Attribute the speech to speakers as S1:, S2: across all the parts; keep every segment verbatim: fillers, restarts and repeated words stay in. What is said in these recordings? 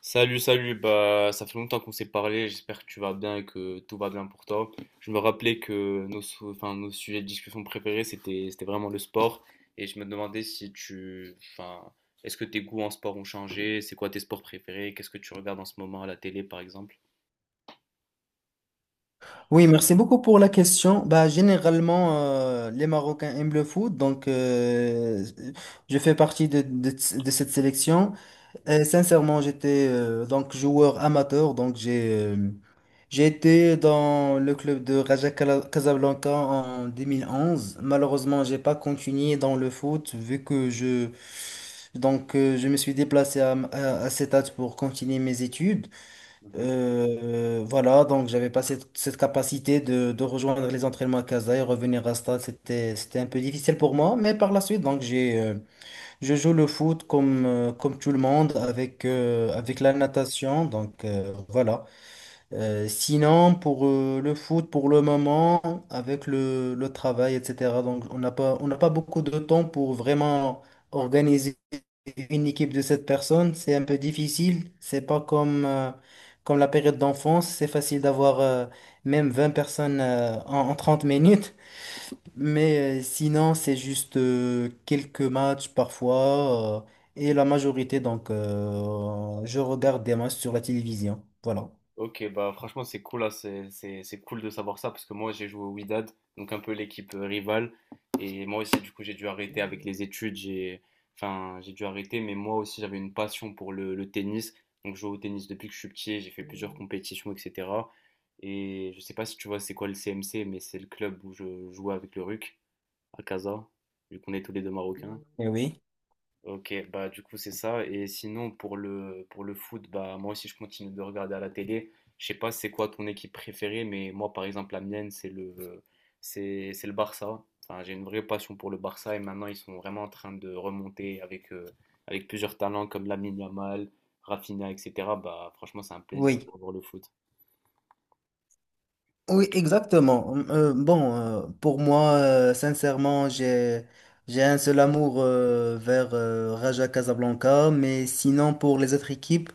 S1: Salut, salut, bah ça fait longtemps qu'on s'est parlé, j'espère que tu vas bien et que tout va bien pour toi. Je me rappelais que nos, sou- enfin, nos sujets de discussion préférés, c'était, c'était vraiment le sport. Et je me demandais si tu, enfin, est-ce que tes goûts en sport ont changé? C'est quoi tes sports préférés? Qu'est-ce que tu regardes en ce moment à la télé, par exemple?
S2: Oui, merci beaucoup pour la question. Bah, généralement, euh, les Marocains aiment le foot, donc euh, je fais partie de, de, de cette sélection.
S1: Mhm,
S2: Et sincèrement, j'étais euh, donc joueur amateur, donc j'ai euh, j'ai été dans le club de Raja Cala- Casablanca en deux mille onze. Malheureusement, j'ai pas continué dans le foot vu que je donc euh, je me suis déplacé à, à, à cet âge pour continuer mes études.
S1: mhm.
S2: Euh, voilà, donc j'avais pas cette, cette capacité de, de rejoindre les entraînements à Casa et revenir à Stade, c'était, c'était un peu difficile pour moi, mais par la suite, donc j'ai, euh, je joue le foot comme, euh, comme tout le monde avec, euh, avec la natation, donc euh, voilà. Euh, sinon, pour euh, le foot, pour le moment, avec le, le travail, et cetera, donc on n'a pas, on n'a pas beaucoup de temps pour vraiment organiser une équipe de cette personnes. C'est un peu difficile. C'est pas comme, euh, comme la période d'enfance. C'est facile d'avoir euh, même vingt personnes euh, en, en trente minutes. Mais euh, sinon, c'est juste euh, quelques matchs parfois. euh, et la majorité, donc, euh, je regarde des matchs sur la télévision. Voilà.
S1: Ok, bah franchement c'est cool là, c'est c'est- c'est cool de savoir ça parce que moi j'ai joué au Wydad, donc un peu l'équipe euh, rivale. Et moi aussi du coup j'ai dû arrêter avec les études, j'ai enfin j'ai dû arrêter, mais moi aussi j'avais une passion pour le, le tennis. Donc je joue au tennis depuis que je suis petit, j'ai fait plusieurs compétitions, et cetera. Et je sais pas si tu vois c'est quoi le C M C, mais c'est le club où je jouais avec le R U C à Casa, vu qu'on est tous les deux marocains.
S2: Et oui.
S1: Ok, bah du coup c'est ça. Et sinon pour le pour le foot, bah moi aussi je continue de regarder à la télé. Je sais pas c'est quoi ton équipe préférée, mais moi par exemple la mienne c'est le c'est c'est le Barça. Enfin j'ai une vraie passion pour le Barça et maintenant ils sont vraiment en train de remonter avec euh, avec plusieurs talents comme Lamine Yamal, Rafinha, et cetera. Bah franchement c'est un plaisir de
S2: Oui,
S1: revoir le foot.
S2: oui, exactement. Hum, Euh, bon, euh, pour moi, euh, sincèrement, j'ai j'ai un seul amour euh, vers euh, Raja Casablanca, mais sinon pour les autres équipes,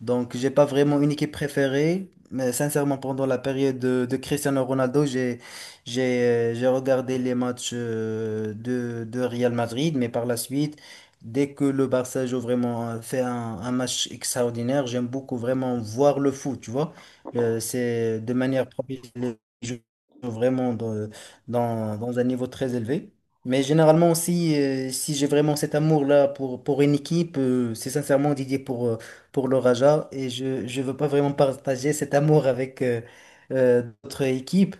S2: donc, j'ai pas vraiment une équipe préférée, mais sincèrement, pendant la période de, de Cristiano Ronaldo, j'ai j'ai euh, j'ai regardé les matchs euh, de de Real Madrid, mais par la suite, dès que le Barça joue vraiment euh, fait un, un match extraordinaire, j'aime beaucoup vraiment voir le foot, tu vois. Le- C'est de manière professionnelle, je joue vraiment dans, dans dans un niveau très élevé. Mais généralement aussi, euh, si j'ai vraiment cet amour-là pour, pour une équipe, euh, c'est sincèrement dédié pour, euh, pour le Raja et je je veux pas vraiment partager cet amour avec euh, euh, d'autres équipes.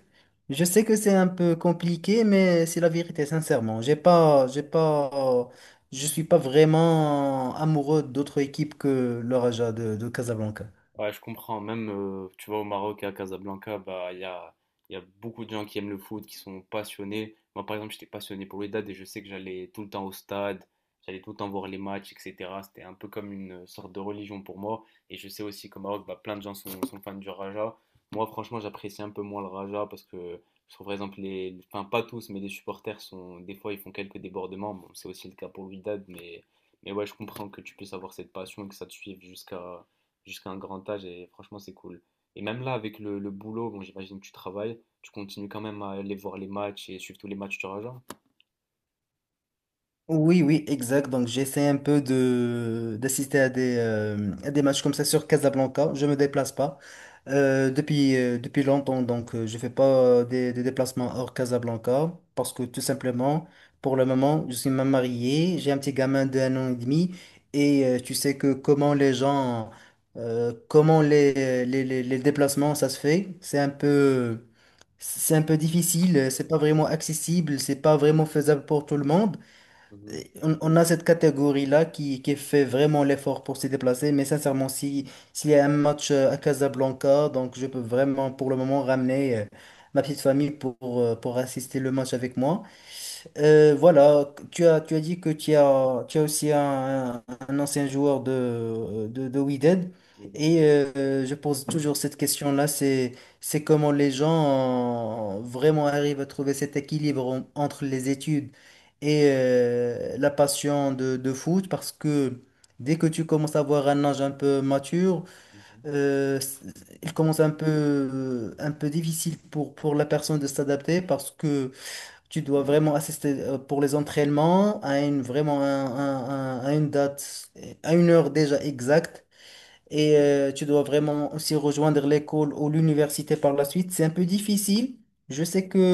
S2: Je sais que c'est un peu compliqué, mais c'est la vérité, sincèrement. J'ai pas j'ai pas Je suis pas vraiment amoureux d'autres équipes que le Raja de, de Casablanca.
S1: Ouais, je comprends. Même, euh, tu vois, au Maroc et à Casablanca, bah, il y a, il y a beaucoup de gens qui aiment le foot, qui sont passionnés. Moi, par exemple, j'étais passionné pour le Wydad et je sais que j'allais tout le temps au stade, j'allais tout le temps voir les matchs, et cetera. C'était un peu comme une sorte de religion pour moi. Et je sais aussi qu'au Maroc, bah, plein de gens sont, sont fans du Raja. Moi, franchement, j'apprécie un peu moins le Raja parce que, je trouve, par exemple, les, les- enfin, pas tous, mais les supporters sont, des fois, ils font quelques débordements. Bon, c'est aussi le cas pour le Wydad, mais, mais ouais, je comprends que tu puisses avoir cette passion et que ça te suive jusqu'à jusqu'à un grand âge et franchement, c'est cool. Et même là, avec le, le boulot, bon, j'imagine que tu travailles, tu continues quand même à aller voir les matchs et suivre tous les matchs du Raja.
S2: Oui, oui, exact. Donc, j'essaie un peu de d'assister à des, euh, à des matchs comme ça sur Casablanca. Je me déplace pas
S1: Mhm,
S2: euh, depuis, euh, depuis longtemps. Donc, euh, je fais pas des, des déplacements hors Casablanca parce que tout simplement, pour le moment, je suis même marié. J'ai un petit gamin de un an et demi. Et euh, tu sais que comment les gens, euh, comment les, les, les, les déplacements, ça se fait. C'est un peu, c'est un peu difficile. C'est pas vraiment accessible. C'est pas vraiment faisable pour tout le monde.
S1: mhm,
S2: Et On, on a cette catégorie-là qui, qui fait vraiment l'effort pour se déplacer, mais sincèrement, si, s'il y a un match euh, à Casablanca, donc je peux vraiment pour le moment ramener euh, ma petite famille pour, euh, pour assister le match avec moi. Euh, voilà, tu as, tu as dit que tu as, tu as aussi un, un ancien joueur de, de, de We Dead.
S1: oui,
S2: Et euh, je pose toujours cette question-là, c'est, c'est comment les gens euh, vraiment arrivent à trouver cet équilibre en- entre les études et euh, la passion de, de foot, parce que dès que tu commences à avoir un âge un peu mature,
S1: d'accord.
S2: euh, c- il commence un peu, un peu difficile pour, pour la personne de s'adapter, parce que tu dois vraiment assister euh, pour les entraînements à une, vraiment un- un- un- à une date, euh, à une heure déjà exacte. Et euh, tu dois vraiment aussi rejoindre l'école ou l'université par la suite. C'est un peu difficile. Je sais que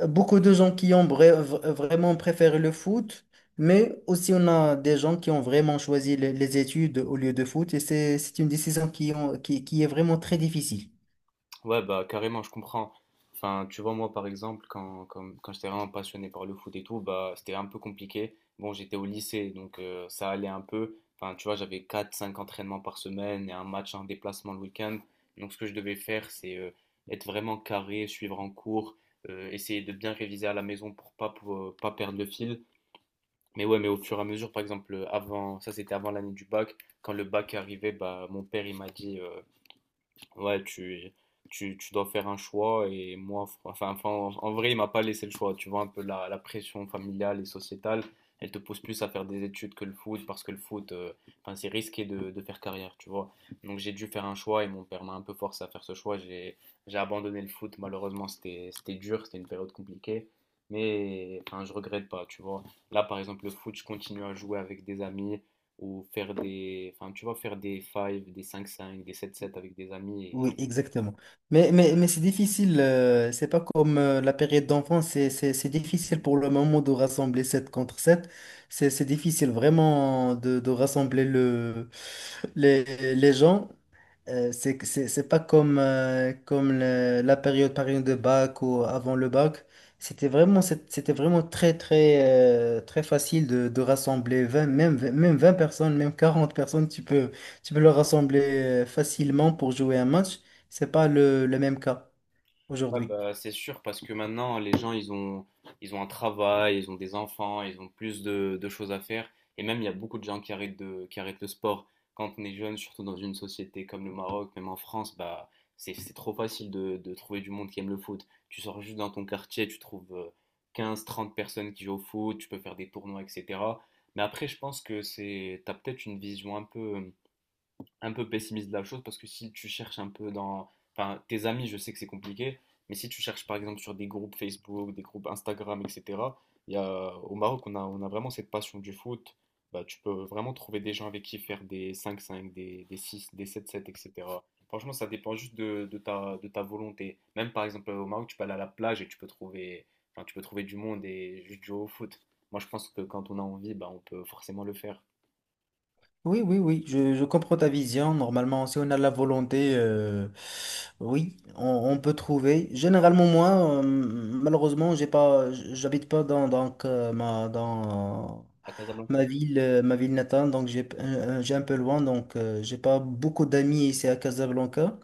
S2: euh, beaucoup de gens qui ont vra- vra- vraiment préféré le foot, mais aussi on a des gens qui ont vraiment choisi les, les études au lieu de foot. Et c'est, c'est une décision qui, ont- qui qui est vraiment très difficile.
S1: Ouais, bah carrément, je comprends. Enfin, tu vois, moi par exemple, quand, quand, quand j'étais vraiment passionné par le foot et tout, bah c'était un peu compliqué. Bon, j'étais au lycée, donc euh, ça allait un peu. Enfin, tu vois, j'avais quatre cinq entraînements par semaine et un match, un déplacement le week-end. Donc, ce que je devais faire, c'est euh, être vraiment carré, suivre en cours, euh, essayer de bien réviser à la maison pour pas, pour pas perdre le fil. Mais ouais, mais au fur et à mesure, par exemple, avant, ça c'était avant l'année du bac, quand le bac arrivait, bah, mon père il m'a dit. euh, ouais, tu, tu, tu dois faire un choix et moi, fr- enfin, enfin, en, en vrai, il m'a pas laissé le choix. Tu vois, un peu la, la pression familiale et sociétale, elle te pousse plus à faire des études que le foot parce que le foot, euh, enfin, c'est risqué de, de faire carrière, tu vois. Donc j'ai dû faire un choix et mon père m'a un peu forcé à faire ce choix. J'ai, j'ai abandonné le foot, malheureusement, c'était, c'était dur, c'était une période compliquée. Mais enfin, je regrette pas, tu vois. Là, par exemple, le foot, je continue à jouer avec des amis ou faire des, enfin, tu vois, faire des cinq, des cinq cinq des sept sept avec des amis. Et...
S2: Oui, exactement. Mais, mais, mais c'est difficile, euh, c'est pas comme euh, la période d'enfance, c'est c'est- c'est difficile pour le moment de rassembler sept contre sept. C'est c'est difficile vraiment de, de rassembler le, les, les gens. Euh, c'est, c'est, c'est pas comme, euh, comme le- la période par exemple, de bac ou avant le bac. C'était vraiment, c'est- c'était vraiment très, très, euh, très facile de, de rassembler vingt même, vingt même vingt personnes, même quarante personnes. Tu peux, tu peux les rassembler euh, facilement pour jouer un match. C'est pas le, le même cas
S1: Ouais,
S2: aujourd'hui.
S1: bah, c'est sûr, parce que maintenant, les gens, ils ont, ils ont un travail, ils ont des enfants, ils ont plus de, de choses à faire. Et même, il y a beaucoup de gens qui arrêtent, de, qui arrêtent le sport. Quand on est jeune, surtout dans une société comme le Maroc, même en France, bah, c'est, c'est trop facile de, de trouver du monde qui aime le foot. Tu sors juste dans ton quartier, tu trouves euh, quinze, trente personnes qui jouent au foot, tu peux faire des tournois, et cetera. Mais après, je pense que c'est, t'as peut-être une vision un peu, euh, un peu pessimiste de la chose parce que si tu cherches un peu dans. Enfin, tes amis, je sais que c'est compliqué, mais si tu cherches par exemple sur des groupes Facebook, des groupes Instagram, et cetera, il y a, au Maroc, on a, on a vraiment cette passion du foot. Bah, tu peux vraiment trouver des gens avec qui faire des cinq cinq des, des six, des sept 7 et cetera. Franchement, ça dépend juste de, de ta, de ta volonté. Même par exemple au Maroc, tu peux aller à la plage et tu peux trouver, enfin, tu peux trouver du monde et juste jouer au foot. Moi, je pense que quand on a envie, bah, on peut forcément le faire.
S2: Oui, oui, oui, je, je comprends ta vision. Normalement, si on a la volonté, euh, oui, on, on peut trouver. Généralement, moi, euh, malheureusement, j'ai pas, j- j'habite pas dans, donc, euh, ma, dans euh,
S1: À Casablanca.
S2: ma ville, euh, ma ville natale, donc j'ai, p- euh, euh, j'ai un peu loin, donc euh, j'ai pas beaucoup d'amis ici à Casablanca.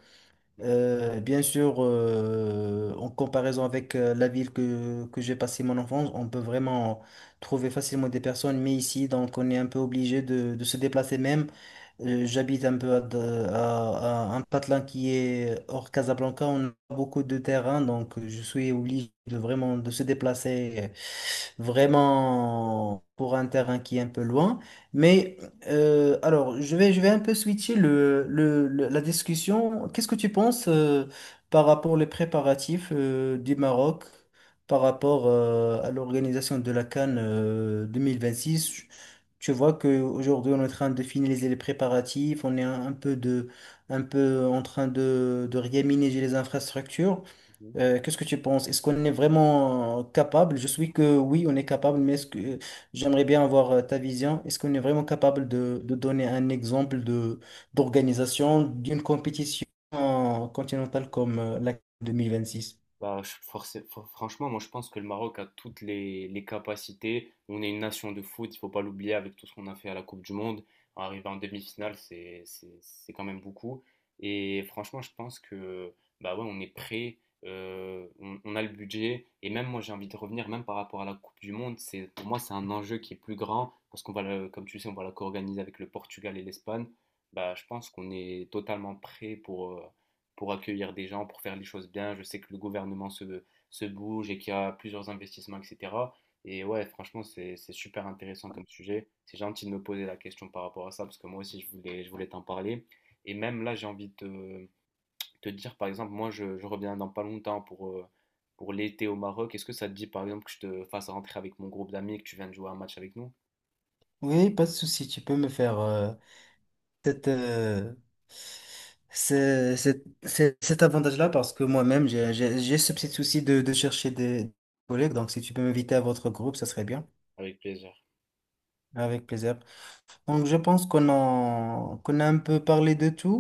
S2: Euh, bien sûr, euh, en comparaison avec euh, la ville que, que j'ai passé mon enfance, on peut vraiment trouver facilement des personnes, mais ici, donc, on est un peu obligé de, de se déplacer même. Euh, j'habite un peu à, de- à- à un patelin qui est hors Casablanca, on a beaucoup de terrain, donc je suis obligé de vraiment de se déplacer euh, vraiment pour un terrain qui est un peu loin. Mais euh, alors, je vais, je vais un peu switcher le, le- le- la discussion. Qu'est-ce que tu penses euh, par rapport aux préparatifs euh, du Maroc, par rapport euh, à l'organisation de la CAN euh, deux mille vingt-six? Je- Tu vois qu'aujourd'hui, on est en train de finaliser les préparatifs, on est un, un peu de, un peu en train de, de réaménager les infrastructures.
S1: Mhm.
S2: Euh, qu'est-ce que tu penses? Est-ce qu'on est vraiment euh, capable? Je suis que oui, on est capable, mais est-ce que j'aimerais bien avoir euh, ta vision. Est-ce qu'on est vraiment capable de, de donner un exemple de d'organisation d'une compétition euh, continentale comme euh, la deux mille vingt-six?
S1: Bah, je- forcé- fr- franchement, moi je pense que le Maroc a toutes les, les capacités. On est une nation de foot, il faut pas l'oublier avec tout ce qu'on a fait à la Coupe du Monde. Arriver en demi-finale, c'est, c'est, c'est quand même beaucoup. Et franchement, je pense que bah ouais, on est prêt, euh, on, on a le budget. Et même moi, j'ai envie de revenir, même par rapport à la Coupe du Monde, c'est, pour moi, c'est un enjeu qui est plus grand parce qu'on va, le- comme tu sais, on va la co-organiser avec le Portugal et l'Espagne. Bah, je pense qu'on est totalement prêt pour, euh, pour accueillir des gens, pour faire les choses bien. Je sais que le gouvernement se, se bouge et qu'il y a plusieurs investissements, et cetera. Et ouais, franchement, c'est c'est super intéressant comme sujet. C'est gentil de me poser la question par rapport à ça, parce que moi aussi, je voulais, je voulais t'en parler. Et même là, j'ai envie de te, te dire, par exemple, moi, je, je reviens dans pas longtemps pour, euh, pour l'été au Maroc. Est-ce que ça te dit, par exemple, que je te fasse rentrer avec mon groupe d'amis, et que tu viennes jouer un match avec nous?
S2: Oui, pas de souci. Tu peux me faire euh, cette, euh, ce- cet cet- cet avantage-là parce que moi-même, j'ai j'ai- j'ai ce petit souci de, de chercher des collègues. Donc, si tu peux m'inviter à votre groupe, ça serait bien.
S1: Avec plaisir.
S2: Avec plaisir. Donc, je pense qu'on a, qu'on a un peu parlé de tout.